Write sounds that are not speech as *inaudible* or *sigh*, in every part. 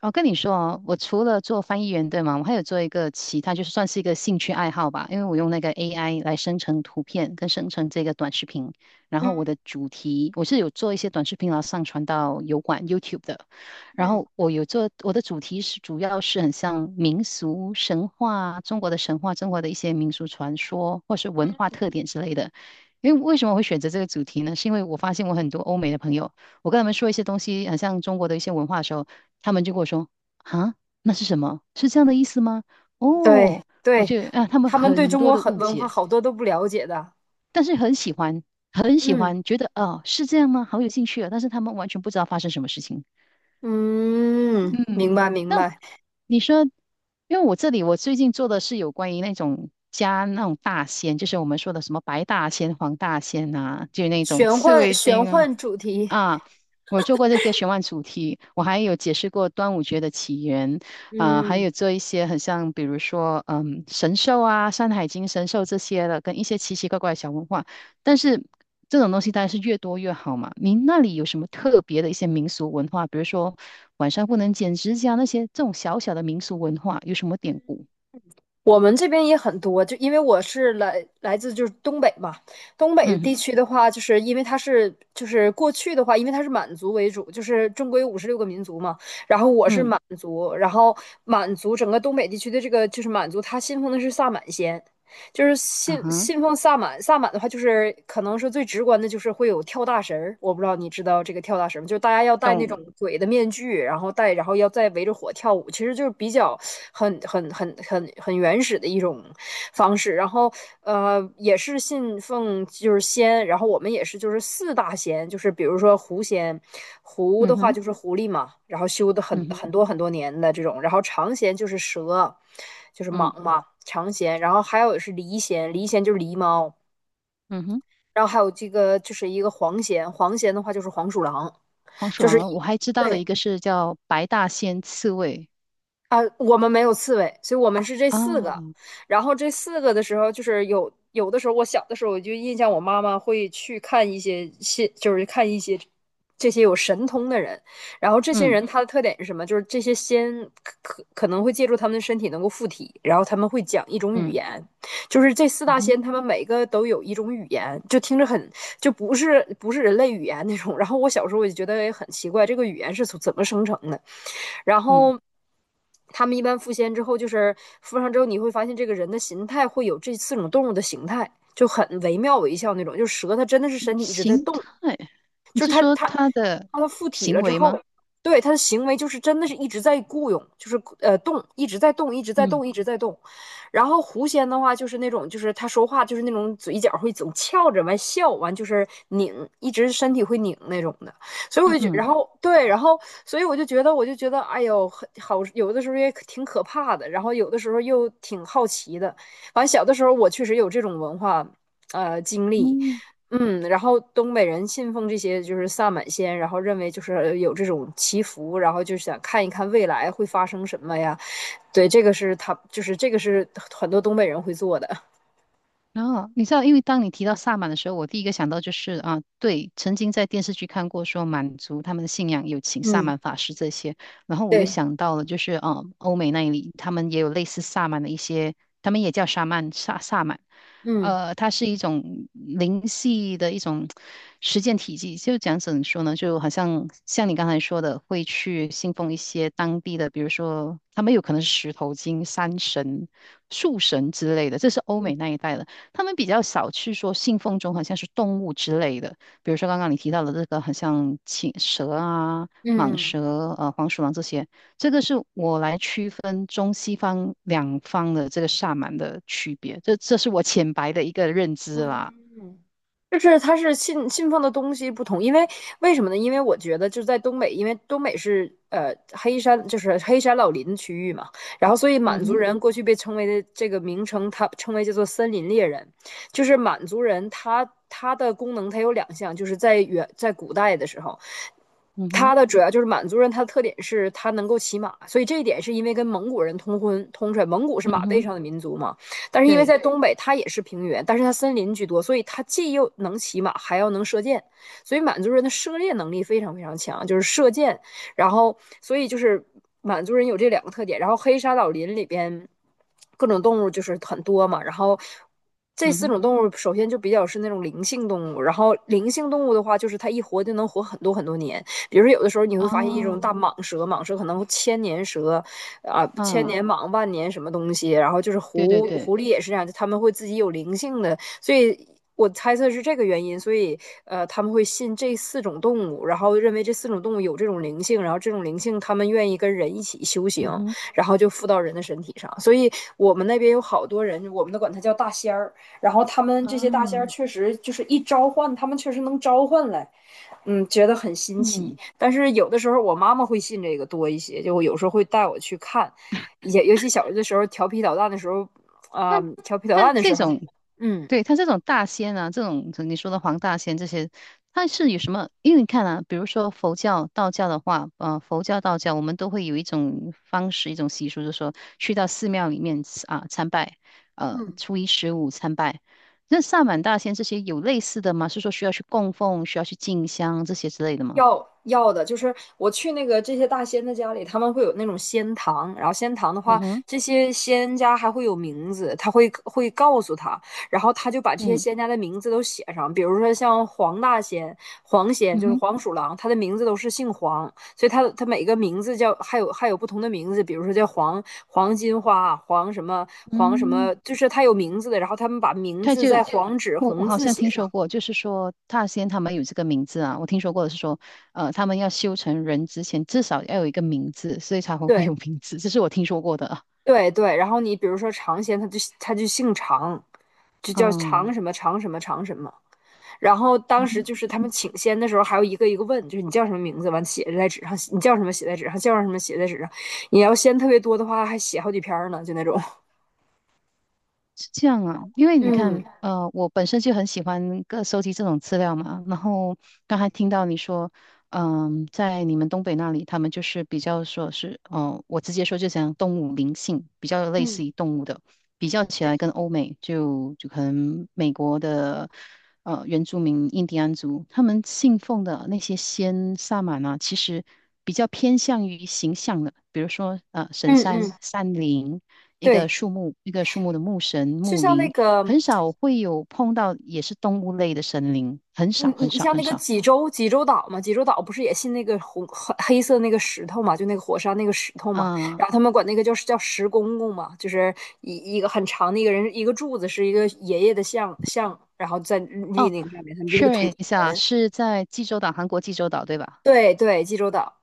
我跟你说哦，我除了做翻译员，对吗？我还有做一个其他，就是算是一个兴趣爱好吧。因为我用那个 AI 来生成图片跟生成这个短视频，然后我嗯的主题我是有做一些短视频，然后上传到油管 YouTube 的。然嗯，后我有做我的主题是主要是很像民俗神话、中国的神话、中国的一些民俗传说或是文化特点之类的。因为为什么会选择这个主题呢？是因为我发现我很多欧美的朋友，我跟他们说一些东西，很像中国的一些文化的时候。他们就跟我说："啊，那是什么？是这样的意思吗？"对哦，我对，就他们他们对很中多国的很误文化解，好多都不了解的。但是很喜欢，很喜嗯欢，觉得哦是这样吗？好有兴趣啊！但是他们完全不知道发生什么事情。嗯，明嗯。白明那白。你说，因为我这里我最近做的是有关于那种大仙，就是我们说的什么白大仙、黄大仙啊，就那种玄刺幻猬玄精啊。幻主题。啊，我做过这个玄幻主题，我还有解释过端午节的起源，啊、还嗯，有做一些很像，比如说，嗯，神兽啊，《山海经》神兽这些的，跟一些奇奇怪怪的小文化。但是这种东西当然是越多越好嘛。您那里有什么特别的一些民俗文化，比如说晚上不能剪指甲那些这种小小的民俗文化，有什么典故？我们这边也很多，就因为我是来自就是东北嘛。东北的嗯。地区的话，就是因为它是就是过去的话，因为它是满族为主，就是中国有56个民族嘛，然后我是嗯。满族。然后满族整个东北地区的这个就是满族，他信奉的是萨满仙。就是啊信哈。信奉萨满，萨满的话就是可能是最直观的，就是会有跳大神儿。我不知道你知道这个跳大神吗？就是大家要戴那种懂。鬼的面具，然后戴，然后要再围着火跳舞，其实就是比较很原始的一种方式。然后也是信奉就是仙，然后我们也是就是四大仙，就是比如说狐仙。狐嗯的话哼。就是狐狸嘛，然后修的很嗯哼。很多很多年的这种。然后长仙就是蛇，就是嗯。蟒嘛，长弦。然后还有是狸蚬，狸蚬就是狸猫。嗯哼。然后还有这个就是一个黄蚬，黄蚬的话就是黄鼠狼。黄鼠就是狼，一，我还知道的对一个是叫白大仙刺猬啊，我们没有刺猬，所以我们是这四个。啊。然后这四个的时候，就是有的时候，我小的时候我就印象，我妈妈会去看一些，就是看一些这些有神通的人。然后这些嗯。人他的特点是什么？就是这些仙可能会借助他们的身体能够附体，然后他们会讲一种语嗯。言，就是这四嗯大哼。仙他们每个都有一种语言，就听着很，就不是人类语言那种。然后我小时候我就觉得哎很奇怪，这个语言是从怎么生成的？然嗯。后他们一般附仙之后，就是附上之后，你会发现这个人的形态会有这四种动物的形态，就很惟妙惟肖那种，就是蛇它真的是身体一直在形动。态，你就是是他说他它的他附体行了之为后，吗？对他的行为就是真的是一直在雇佣，就是动，一直在动，一直在嗯。动，一直在动。然后狐仙的话就是那种，就是他说话就是那种嘴角会总翘着，完笑，完就是拧，一直身体会拧那种的。所以我嗯。就觉，然嗯。后对。然后所以我就觉得，我就觉得，哎呦，很好，有的时候也可挺可怕的，然后有的时候又挺好奇的。完，小的时候我确实有这种文化经历。嗯。嗯，然后东北人信奉这些就是萨满仙，然后认为就是有这种祈福，然后就想看一看未来会发生什么呀？对，这个是他就是这个是很多东北人会做的。然后你知道，因为当你提到萨满的时候，我第一个想到就是啊，对，曾经在电视剧看过说满族他们的信仰有请萨嗯，满法师这些，然后我又对，想到了就是啊，欧美那里他们也有类似萨满的一些，他们也叫沙曼萨满，嗯它是一种灵系的一种实践体系，就讲怎么说呢，就好像你刚才说的，会去信奉一些当地的，比如说他们有可能是石头精、山神。树神之类的，这是欧嗯美那一带的。他们比较少去说信奉中好像是动物之类的，比如说刚刚你提到的这个很像青蛇啊、蟒嗯。蛇、黄鼠狼这些，这个是我来区分中西方两方的这个萨满的区别，这是我浅白的一个认知啦。嗯，就是它是信奉的东西不同。因为为什么呢？因为我觉得就是在东北，因为东北是黑山，就是黑山老林区域嘛。然后所以嗯满族哼。人过去被称为的这个名称，它称为叫做森林猎人，就是满族人他的功能它有2项，就是在远在古代的时候，嗯他哼。的主要就是满族人，他的特点是他能够骑马，所以这一点是因为跟蒙古人通婚通出来，蒙古是嗯马背哼。上的民族嘛。但是因为对。在东北，它也是平原，但是它森林居多，所以它既又能骑马，还要能射箭，所以满族人的射猎能力非常非常强，就是射箭。然后，所以就是满族人有这2个特点。然后黑沙老林里边各种动物就是很多嘛，然后。这嗯四哼。种动物首先就比较是那种灵性动物，然后灵性动物的话，就是它一活就能活很多很多年。比如说有的时候你会发现一种哦。大蟒蛇，蟒蛇可能千年蛇啊，千啊。年蟒、万年什么东西。然后就是对对狐对。狐狸也是这样，他们会自己有灵性的，所以。我猜测是这个原因，所以他们会信这四种动物，然后认为这四种动物有这种灵性，然后这种灵性他们愿意跟人一起修行，嗯哼。然后就附到人的身体上。所以我们那边有好多人，我们都管它叫大仙儿，然后他们这些大仙儿啊。确实就是一召唤，他们确实能召唤来。嗯，觉得很新奇。嗯。但是有的时候我妈妈会信这个多一些，就有时候会带我去看，也尤其小的时候调皮捣蛋的时候，那调皮捣那蛋的时这候，种。嗯。对，它这种大仙啊，这种你说的黄大仙这些，它是有什么？因为你看啊，比如说佛教、道教的话，佛教、道教，我们都会有一种方式、一种习俗，就是说去到寺庙里面啊参拜，嗯，初一十五参拜。那萨满大仙这些有类似的吗？是说需要去供奉、需要去进香这些之类的吗？要要的，就是我去那个这些大仙的家里，他们会有那种仙堂，然后仙堂的嗯话，哼。这些仙家还会有名字，他会告诉他，然后他就把这些嗯。仙家的名字都写上，比如说像黄大仙、黄仙，嗯就是哼。黄鼠狼，他的名字都是姓黄，所以他每个名字叫还有不同的名字，比如说叫黄金花黄什么黄什嗯。么，就是他有名字的。然后他们把名他字就在黄纸我红好字像写听上，说过，就是说大仙他们有这个名字啊，我听说过的是说，呃，他们要修成人之前至少要有一个名字，所以才会会对。有名字，这是我听说过的啊。对对。然后你比如说尝鲜，他就他就姓常，就叫常嗯。什么常什么常什么。然后当时就是他们请仙的时候，还要一个一个问，就是你叫什么名字，完写在纸上，你叫什么写在纸上，叫什么写在纸上。你要仙特别多的话，还写好几篇儿呢，就那种。*laughs* 是这样啊，因为你嗯看，呃，我本身就很喜欢各收集这种资料嘛，然后刚才听到你说。嗯，在你们东北那里，他们就是比较说是，嗯、我直接说就讲动物灵性，比较类嗯，似于动物的，比较起对。来跟欧美就可能美国的。原住民印第安族，他们信奉的那些仙萨满啊，其实比较偏向于形象的，比如说神嗯嗯，山、山林，一个对。树木，一个树木的木神、就木像那灵，个很少会有碰到也是动物类的神灵，很你少你很你少像那很个少。济州岛嘛，济州岛不是也信那个红黑色那个石头嘛，就那个火山那个石头嘛。啊、然后他们管那个叫石公公嘛，就是一个很长的一个人一个柱子是一个爷爷的像，然后在立哦，那个上面，他们就那确个土认地一下，神。是在济州岛，韩国济州岛对吧？对对，济州岛。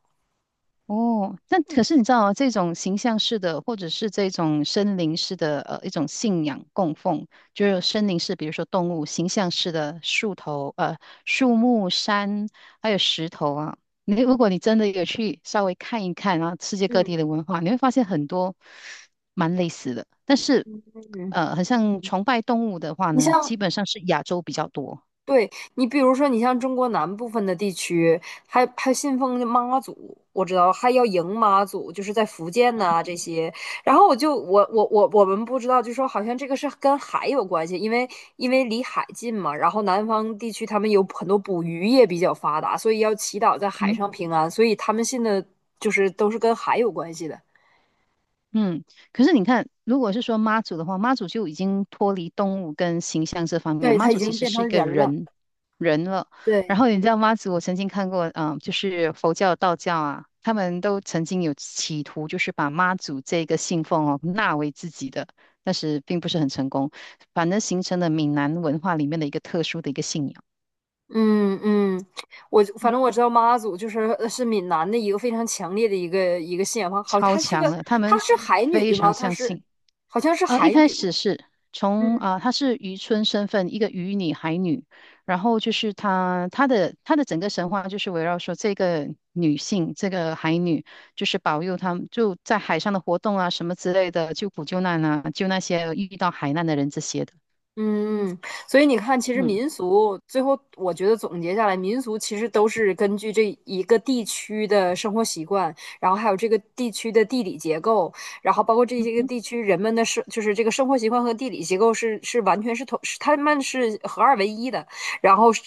哦，那可是你知道啊这种形象式的，或者是这种森林式的，一种信仰供奉，就是森林式，比如说动物形象式的树头，树木、山，还有石头啊。你如果你真的有去稍微看一看啊，世界各地的文化，你会发现很多蛮类似的。但是，嗯。很像崇拜动物的话你呢，像基本上是亚洲比较多。对，你比如说，你像中国南部分的地区，还信奉妈祖，我知道还要迎妈祖，就是在福建呐、这些。然后我就我我我我们不知道，就说好像这个是跟海有关系，因为因为离海近嘛。然后南方地区他们有很多捕鱼业比较发达，所以要祈祷在海嗯。上平安，所以他们信的就是都是跟海有关系的。嗯，可是你看，如果是说妈祖的话，妈祖就已经脱离动物跟形象这方面，对，妈他已祖其经实变是一成个人了。人。人了。然对。后你知道妈祖，我曾经看过，嗯、就是佛教、道教啊，他们都曾经有企图，就是把妈祖这个信奉哦纳为自己的，但是并不是很成功，反而形成了闽南文化里面的一个特殊的一个信仰，嗯嗯，我反正我知道妈祖就是是闽南的一个非常强烈的一个信仰方，好，超她是个，强了，他她们是海非女吗？常她相是信。好像是一海开女。始是嗯。她是渔村身份，一个渔女、海女，然后就是她的整个神话就是围绕说这个女性，这个海女，就是保佑他们就在海上的活动啊，什么之类的，救苦救难啊，救那些遇到海难的人这些的。嗯，嗯。所以你看，其实嗯。民俗最后，我觉得总结下来，民俗其实都是根据这一个地区的生活习惯，然后还有这个地区的地理结构，然后包括这嗯些个哼。地区人们的生，就是这个生活习惯和地理结构是完全是同，是他们是合二为一的，然后是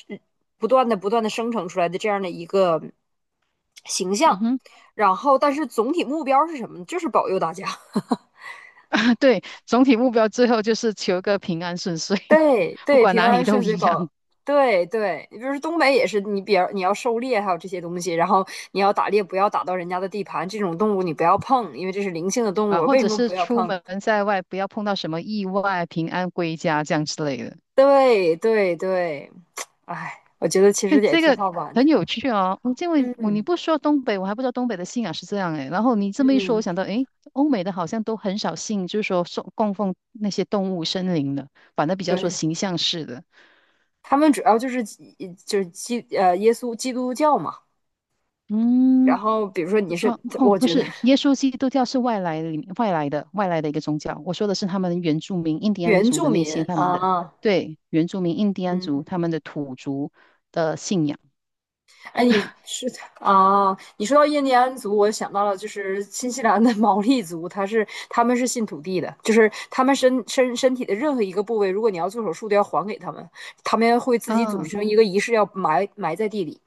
不断的生成出来的这样的一个形象，嗯哼。然后但是总体目标是什么呢？就是保佑大家。*laughs* 对，总体目标最后就是求个平安顺遂，对 *laughs* 不对，管平哪安里顺都遂一样保，对对，你比如说东北也是，你比如你要狩猎，还有这些东西，然后你要打猎，不要打到人家的地盘，这种动物你不要碰，因为这是灵性的动物，啊，或为什者么是不要出碰？门在外不要碰到什么意外，平安归家这样之类的。对对对。哎，我觉得其对，实也这挺个好玩的。很有趣哦。因为你嗯不说东北，我还不知道东北的信仰是这样诶。然后你这么一说，我嗯，想到诶，欧美的好像都很少信，就是说送供奉那些动物、森林的，反正比较说对，形象式的。他们主要就是基，就是基耶稣基督教嘛。然嗯，后比如说你是，哦哦，我不觉得是，耶稣基督教是外来的一个宗教。我说的是他们原住民印第安原族住的那民些他们的，啊，对，原住民印第安族嗯。他们的土族的信仰哎，你是，啊？你说到印第安族，我想到了就是新西兰的 *laughs* 毛利族，他是他们是信土地的，就是他们身体的任何一个部位，如果你要做手术，都要还给他们，他们会自己组啊。成一个仪式，要埋在地里。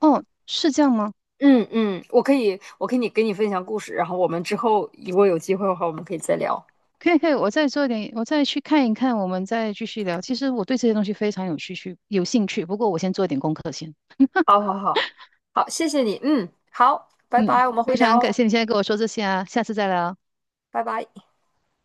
哦，是这样吗？嗯嗯，我可以，我可以给你分享故事，然后我们之后如果有机会的话，我们可以再聊。可以可以，我再做点，我再去看一看，我们再继续聊。其实我对这些东西非常有兴趣。不过我先做点功课先。好好好，好，谢谢你。嗯，好，拜嗯，拜，我们会非常聊感哦，谢你现在跟我说这些啊，下次再聊。拜拜。好吗？